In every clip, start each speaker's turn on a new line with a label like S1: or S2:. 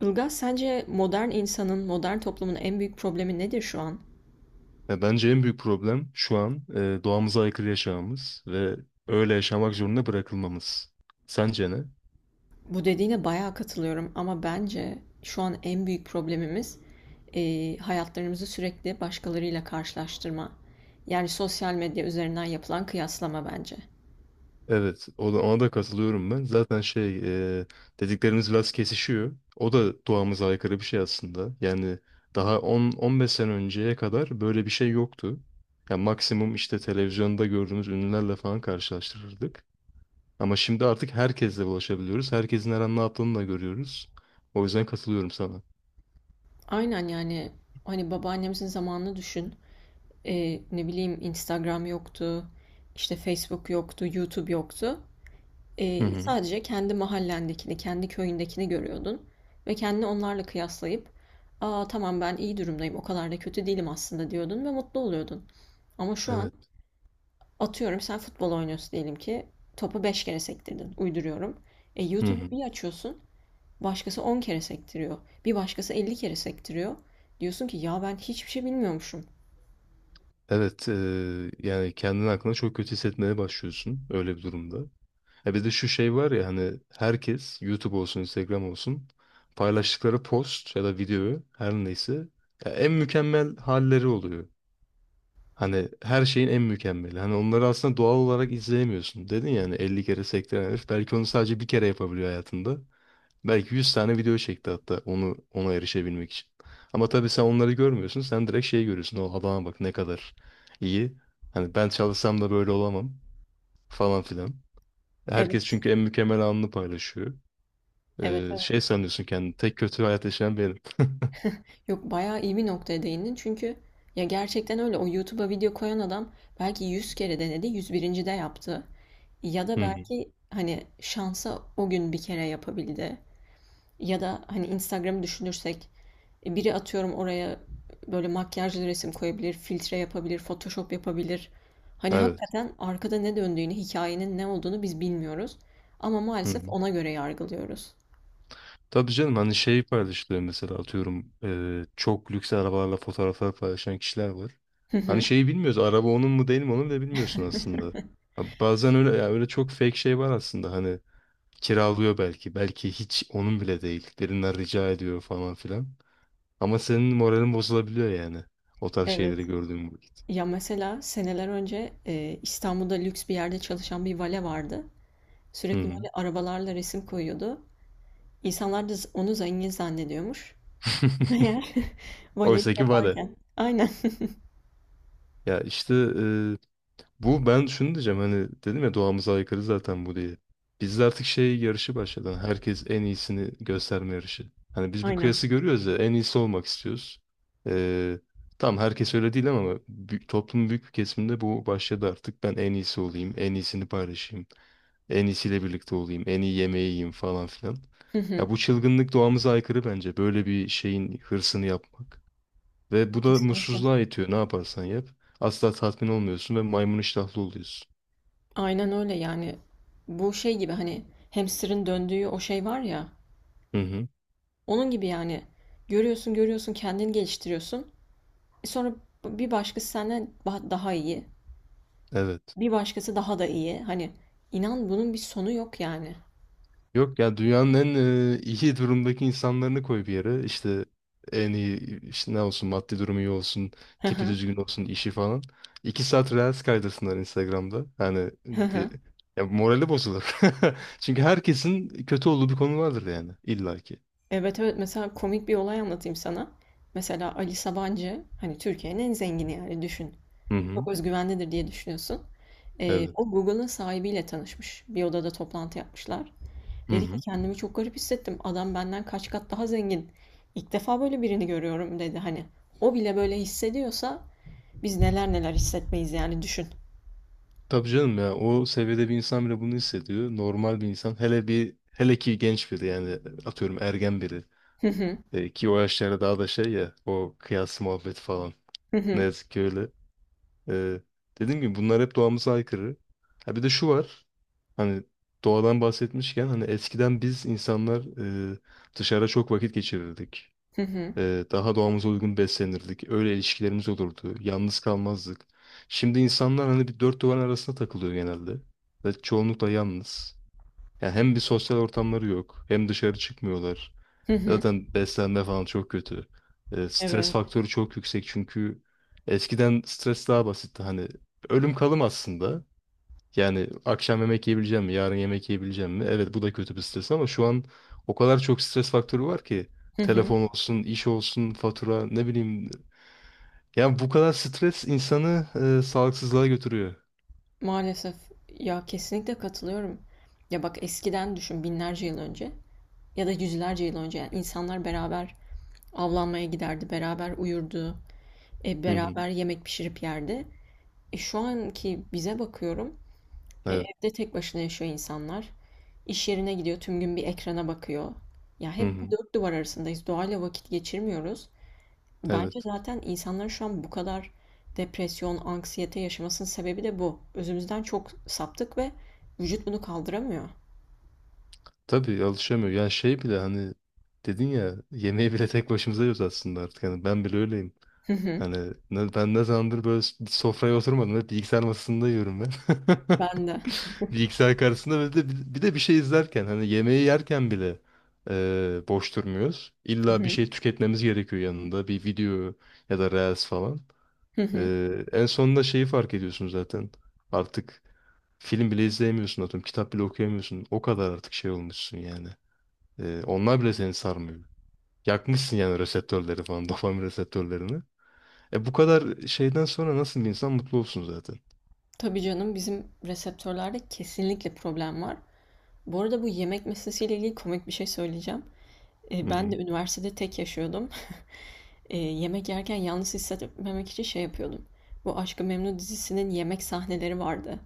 S1: Ilgaz, sence modern insanın, modern toplumun en büyük problemi nedir şu an?
S2: Ya bence en büyük problem şu an doğamıza aykırı yaşamamız ve öyle yaşamak zorunda bırakılmamız. Sence ne?
S1: Bu dediğine bayağı katılıyorum ama bence şu an en büyük problemimiz hayatlarımızı sürekli başkalarıyla karşılaştırma. Yani sosyal medya üzerinden yapılan kıyaslama bence.
S2: Evet, o da, ona da katılıyorum ben. Zaten şey, e, dediklerimiz biraz kesişiyor. O da doğamıza aykırı bir şey aslında. Yani daha 10-15 sene önceye kadar böyle bir şey yoktu. Yani maksimum işte televizyonda gördüğümüz ünlülerle falan karşılaştırırdık. Ama şimdi artık herkesle ulaşabiliyoruz. Herkesin her an ne yaptığını da görüyoruz. O yüzden katılıyorum sana.
S1: Aynen yani hani babaannemizin zamanını düşün. Ne bileyim Instagram yoktu, işte Facebook yoktu, YouTube yoktu.
S2: Hı
S1: Eee,
S2: hı.
S1: sadece kendi mahallendekini, kendi köyündekini görüyordun ve kendini onlarla kıyaslayıp "aa tamam ben iyi durumdayım, o kadar da kötü değilim aslında." diyordun ve mutlu oluyordun. Ama şu an
S2: Evet.
S1: atıyorum sen futbol oynuyorsun diyelim ki topu 5 kere sektirdin, uyduruyorum.
S2: Hı hı.
S1: YouTube'u bir açıyorsun, başkası 10 kere sektiriyor, bir başkası 50 kere sektiriyor. Diyorsun ki ya ben hiçbir şey bilmiyormuşum.
S2: Evet. Yani kendini hakkında çok kötü hissetmeye başlıyorsun öyle bir durumda. E bir de şu şey var ya, hani herkes YouTube olsun, Instagram olsun, paylaştıkları post ya da videoyu her neyse ya en mükemmel halleri oluyor. Hani her şeyin en mükemmeli. Hani onları aslında doğal olarak izleyemiyorsun. Dedin yani 50 kere sektiren herif belki onu sadece bir kere yapabiliyor hayatında. Belki 100 tane video çekti hatta onu ona erişebilmek için. Ama tabii sen onları görmüyorsun. Sen direkt şey görüyorsun. O adama bak, ne kadar iyi. Hani ben çalışsam da böyle olamam falan filan. Herkes
S1: Evet,
S2: çünkü en mükemmel anını paylaşıyor.
S1: evet, evet.
S2: Şey sanıyorsun kendini. Tek kötü hayat yaşayan benim.
S1: Yok, bayağı iyi bir noktaya değindin çünkü ya gerçekten öyle, o YouTube'a video koyan adam belki 100 kere denedi, 101. de yaptı. Ya da
S2: Hı hı.
S1: belki hani şansa o gün bir kere yapabildi. Ya da hani Instagram'ı düşünürsek biri atıyorum oraya böyle makyajlı resim koyabilir, filtre yapabilir, Photoshop yapabilir. Hani
S2: Evet.
S1: hakikaten arkada ne döndüğünü, hikayenin ne olduğunu biz bilmiyoruz. Ama
S2: Hı
S1: maalesef
S2: hı.
S1: ona göre yargılıyoruz.
S2: Tabii canım, hani şey paylaşılıyor mesela, atıyorum çok lüks arabalarla fotoğraflar paylaşan kişiler var.
S1: Hı
S2: Hani
S1: hı.
S2: şeyi bilmiyoruz, araba onun mu değil mi onu bile bilmiyorsun aslında. Ha, bazen öyle, ya öyle çok fake şey var aslında, hani kiralıyor, belki hiç onun bile değil, birinden rica ediyor falan filan. Ama senin moralin bozulabiliyor yani o tarz şeyleri
S1: Evet.
S2: gördüğün vakit.
S1: Ya mesela seneler önce İstanbul'da lüks bir yerde çalışan bir vale vardı.
S2: Hı
S1: Sürekli
S2: hı.
S1: böyle arabalarla resim koyuyordu. İnsanlar da onu zengin zannediyormuş. Meğer valelik
S2: Oysa ki vale.
S1: yaparken. Aynen.
S2: Ya işte bu, ben şunu diyeceğim, hani dedim ya doğamıza aykırı zaten bu diye. Bizde artık şey yarışı başladı, hani herkes en iyisini gösterme yarışı. Hani biz bu
S1: Aynen.
S2: kıyası görüyoruz ya, en iyisi olmak istiyoruz. Ee, tamam, herkes öyle değil ama toplumun büyük bir kesiminde bu başladı artık. Ben en iyisi olayım, en iyisini paylaşayım, en iyisiyle birlikte olayım, en iyi yemeği yiyeyim falan filan.
S1: Hı hı.
S2: Ya bu çılgınlık doğamıza aykırı bence. Böyle bir şeyin hırsını yapmak. Ve bu da
S1: Kesinlikle.
S2: mutsuzluğa itiyor, ne yaparsan yap. Asla tatmin olmuyorsun ve maymun iştahlı oluyorsun.
S1: Aynen öyle yani. Bu şey gibi hani hamsterın döndüğü o şey var ya.
S2: Hı hı.
S1: Onun gibi yani. Görüyorsun görüyorsun kendini geliştiriyorsun. Sonra bir başkası senden daha iyi.
S2: Evet.
S1: Bir başkası daha da iyi. Hani inan bunun bir sonu yok yani.
S2: Yok ya, dünyanın en iyi durumdaki insanlarını koy bir yere. İşte en iyi, işte ne olsun, maddi durumu iyi olsun,
S1: Hı
S2: tipi
S1: hı.
S2: düzgün olsun, işi falan. 2 saat reels kaydırsınlar Instagram'da. Hani
S1: Hı
S2: di-
S1: hı.
S2: ya morali bozulur. Çünkü herkesin kötü olduğu bir konu vardır yani illaki.
S1: Evet, evet, mesela komik bir olay anlatayım sana. Mesela Ali Sabancı, hani Türkiye'nin en zengini yani, düşün.
S2: Hı
S1: Çok
S2: hı.
S1: özgüvenlidir diye düşünüyorsun. Ee,
S2: Evet.
S1: o Google'ın sahibiyle tanışmış. Bir odada toplantı yapmışlar.
S2: Hı
S1: Dedi ki
S2: hı.
S1: kendimi çok garip hissettim. Adam benden kaç kat daha zengin. İlk defa böyle birini görüyorum dedi hani. O bile böyle hissediyorsa biz neler neler hissetmeyiz yani düşün.
S2: Tabii canım, ya o seviyede bir insan bile bunu hissediyor. Normal bir insan, hele bir hele ki genç biri, yani atıyorum ergen biri.
S1: Hı hı.
S2: Ki o yaşlarda daha da şey ya, o kıyas muhabbeti falan,
S1: Hı
S2: ne
S1: hı.
S2: yazık ki öyle. E, Dediğim gibi bunlar hep doğamıza aykırı. Ha bir de şu var, hani doğadan bahsetmişken, hani eskiden biz insanlar e, dışarıda çok vakit geçirirdik.
S1: Hı hı.
S2: Daha doğamıza uygun beslenirdik. Öyle ilişkilerimiz olurdu. Yalnız kalmazdık. Şimdi insanlar hani bir dört duvarın arasında takılıyor genelde. Ve çoğunlukla yalnız. Yani hem bir sosyal ortamları yok, hem dışarı çıkmıyorlar.
S1: Hı hı.
S2: Zaten beslenme falan çok kötü. Stres
S1: Evet.
S2: faktörü çok yüksek, çünkü eskiden stres daha basitti. Hani ölüm kalım aslında. Yani akşam yemek yiyebileceğim mi? Yarın yemek yiyebileceğim mi? Evet, bu da kötü bir stres ama şu an o kadar çok stres faktörü var ki. Telefon olsun, iş olsun, fatura, ne bileyim. Yani bu kadar stres insanı sağlıksızlığa götürüyor.
S1: Maalesef. Ya kesinlikle katılıyorum. Ya bak eskiden düşün, binlerce yıl önce ya da yüzlerce yıl önce yani insanlar beraber avlanmaya giderdi, beraber uyurdu,
S2: Hı hı.
S1: beraber yemek pişirip yerdi. Şu anki bize bakıyorum,
S2: Evet.
S1: evde tek başına yaşıyor insanlar. İş yerine gidiyor, tüm gün bir ekrana bakıyor. Ya
S2: Hı
S1: hep bir
S2: hı.
S1: dört duvar arasındayız. Doğayla vakit geçirmiyoruz. Bence
S2: Evet.
S1: zaten insanların şu an bu kadar depresyon, anksiyete yaşamasının sebebi de bu. Özümüzden çok saptık ve vücut bunu kaldıramıyor.
S2: Tabii alışamıyor. Yani şey bile, hani dedin ya, yemeği bile tek başımıza yiyoruz aslında artık. Yani ben bile öyleyim.
S1: Hı hı.
S2: Hani ben ne zamandır böyle sofraya oturmadım. Hep bilgisayar masasında yiyorum ben.
S1: Ben de.
S2: Bilgisayar karşısında, ve de bir de bir şey izlerken, hani yemeği yerken bile boş durmuyoruz.
S1: Hı
S2: İlla bir
S1: hı.
S2: şey tüketmemiz gerekiyor yanında. Bir video ya da reels falan.
S1: Hı hı.
S2: En sonunda şeyi fark ediyorsun zaten. Artık film bile izleyemiyorsun, atıyorum. Kitap bile okuyamıyorsun. O kadar artık şey olmuşsun yani. Onlar bile seni sarmıyor. Yakmışsın yani reseptörleri falan. Dopamin reseptörlerini. E bu kadar şeyden sonra nasıl bir insan mutlu olsun zaten.
S1: Tabii canım, bizim reseptörlerde kesinlikle problem var. Bu arada bu yemek meselesiyle ilgili komik bir şey söyleyeceğim. E,
S2: Hı
S1: ben de
S2: hı.
S1: üniversitede tek yaşıyordum. Yemek yerken yalnız hissetmemek için şey yapıyordum. Bu Aşk-ı Memnu dizisinin yemek sahneleri vardı.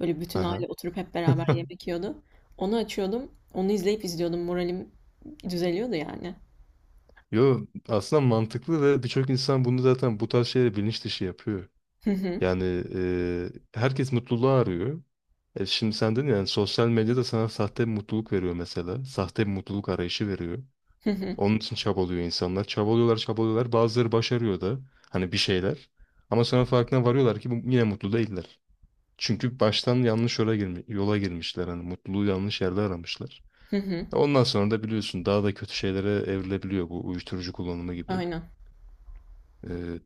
S1: Böyle bütün
S2: Aha.
S1: aile oturup hep beraber yemek yiyordu. Onu açıyordum. Onu izleyip izliyordum. Moralim düzeliyordu yani.
S2: Yo, aslında mantıklı ve birçok insan bunu zaten, bu tarz şeyleri bilinç dışı yapıyor.
S1: Hı hı.
S2: Yani herkes mutluluğu arıyor. E şimdi sen dedin, yani sosyal medyada sana sahte bir mutluluk veriyor mesela. Sahte bir mutluluk arayışı veriyor.
S1: Hı hı.
S2: Onun için çabalıyor insanlar. Çabalıyorlar, çabalıyorlar. Bazıları başarıyor da hani bir şeyler. Ama sonra farkına varıyorlar ki bu, yine mutlu değiller. Çünkü baştan yanlış yola, yola girmişler. Hani mutluluğu yanlış yerde aramışlar.
S1: Hı hı.
S2: Ondan sonra da biliyorsun daha da kötü şeylere evrilebiliyor bu, uyuşturucu kullanımı gibi.
S1: Aynen.
S2: Ee,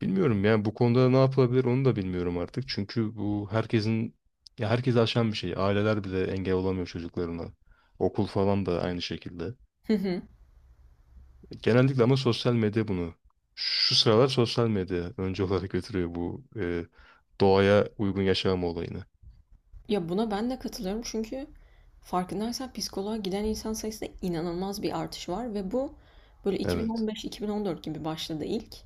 S2: Bilmiyorum yani bu konuda ne yapılabilir, onu da bilmiyorum artık. Çünkü bu herkesin, ya herkesi aşan bir şey. Aileler bile engel olamıyor çocuklarına. Okul falan da aynı şekilde.
S1: Hı hı.
S2: Genellikle ama sosyal medya bunu. Şu sıralar sosyal medya önce olarak götürüyor bu doğaya uygun yaşam olayını.
S1: Ya buna ben de katılıyorum çünkü farkındaysan psikoloğa giden insan sayısında inanılmaz bir artış var ve bu böyle
S2: Evet.
S1: 2015-2014 gibi başladı ilk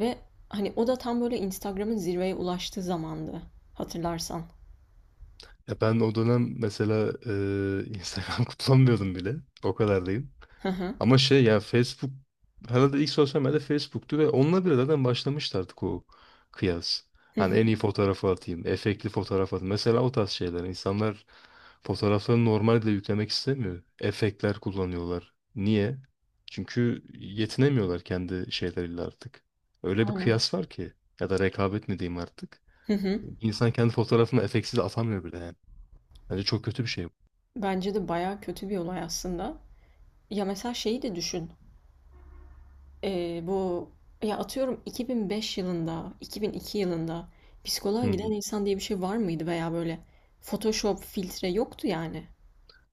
S1: ve hani o da tam böyle Instagram'ın zirveye ulaştığı zamandı, hatırlarsan.
S2: Ya ben o dönem mesela Instagram kullanmıyordum bile. O kadar değil.
S1: Hı hı.
S2: Ama şey ya, Facebook herhalde ilk sosyal medya Facebook'tu ve onunla bile zaten başlamıştı artık o kıyas.
S1: Hı
S2: Hani
S1: hı.
S2: en iyi fotoğrafı atayım, efektli fotoğraf atayım. Mesela o tarz şeyler. İnsanlar fotoğraflarını normalde yüklemek istemiyor. Efektler kullanıyorlar. Niye? Çünkü yetinemiyorlar kendi şeyleriyle artık. Öyle bir
S1: Aynen.
S2: kıyas var ki. Ya da rekabet mi diyeyim artık.
S1: Hı hı.
S2: İnsan kendi fotoğrafını efektsiz atamıyor bile yani. Bence çok kötü bir şey bu.
S1: Bence de bayağı kötü bir olay aslında. Ya mesela şeyi de düşün. Bu ya, atıyorum 2005 yılında, 2002 yılında psikoloğa
S2: Hı
S1: giden
S2: hı.
S1: insan diye bir şey var mıydı veya böyle Photoshop, filtre yoktu yani.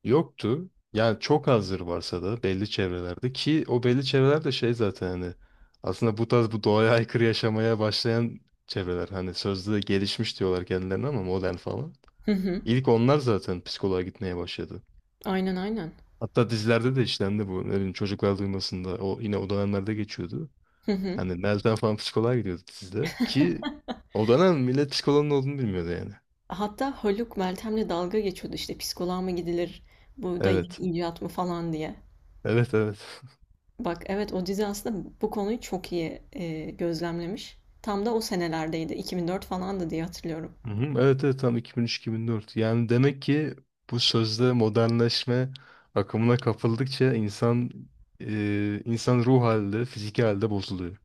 S2: Yoktu. Yani çok azdır, varsa da belli çevrelerde, ki o belli çevreler de şey zaten, hani aslında bu tarz, bu doğaya aykırı yaşamaya başlayan çevreler, hani sözde gelişmiş diyorlar kendilerine, ama modern falan.
S1: Hı hı.
S2: İlk onlar zaten psikoloğa gitmeye başladı.
S1: Aynen, aynen.
S2: Hatta dizilerde de işlendi bu. Ne bileyim, çocuklar duymasında, o yine o dönemlerde geçiyordu.
S1: Hı hı.
S2: Hani Meltem falan psikoloğa gidiyordu dizide, ki o dönem millet psikoloğun ne olduğunu bilmiyordu yani.
S1: Hatta Haluk Meltem'le dalga geçiyordu, işte psikoloğa mı gidilir, bu da yeni
S2: Evet.
S1: icat mı falan diye.
S2: Evet, evet.
S1: Bak, evet, o dizi aslında bu konuyu çok iyi gözlemlemiş. Tam da o senelerdeydi. 2004 falandı diye hatırlıyorum.
S2: Hı hı, evet, evet, tam 2003-2004. Yani demek ki bu sözde modernleşme akımına kapıldıkça insan insan ruh halde, fiziki halde bozuluyor.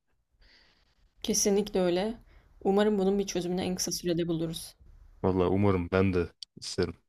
S1: Kesinlikle öyle. Umarım bunun bir çözümünü en kısa sürede buluruz.
S2: Vallahi umarım, ben de isterim.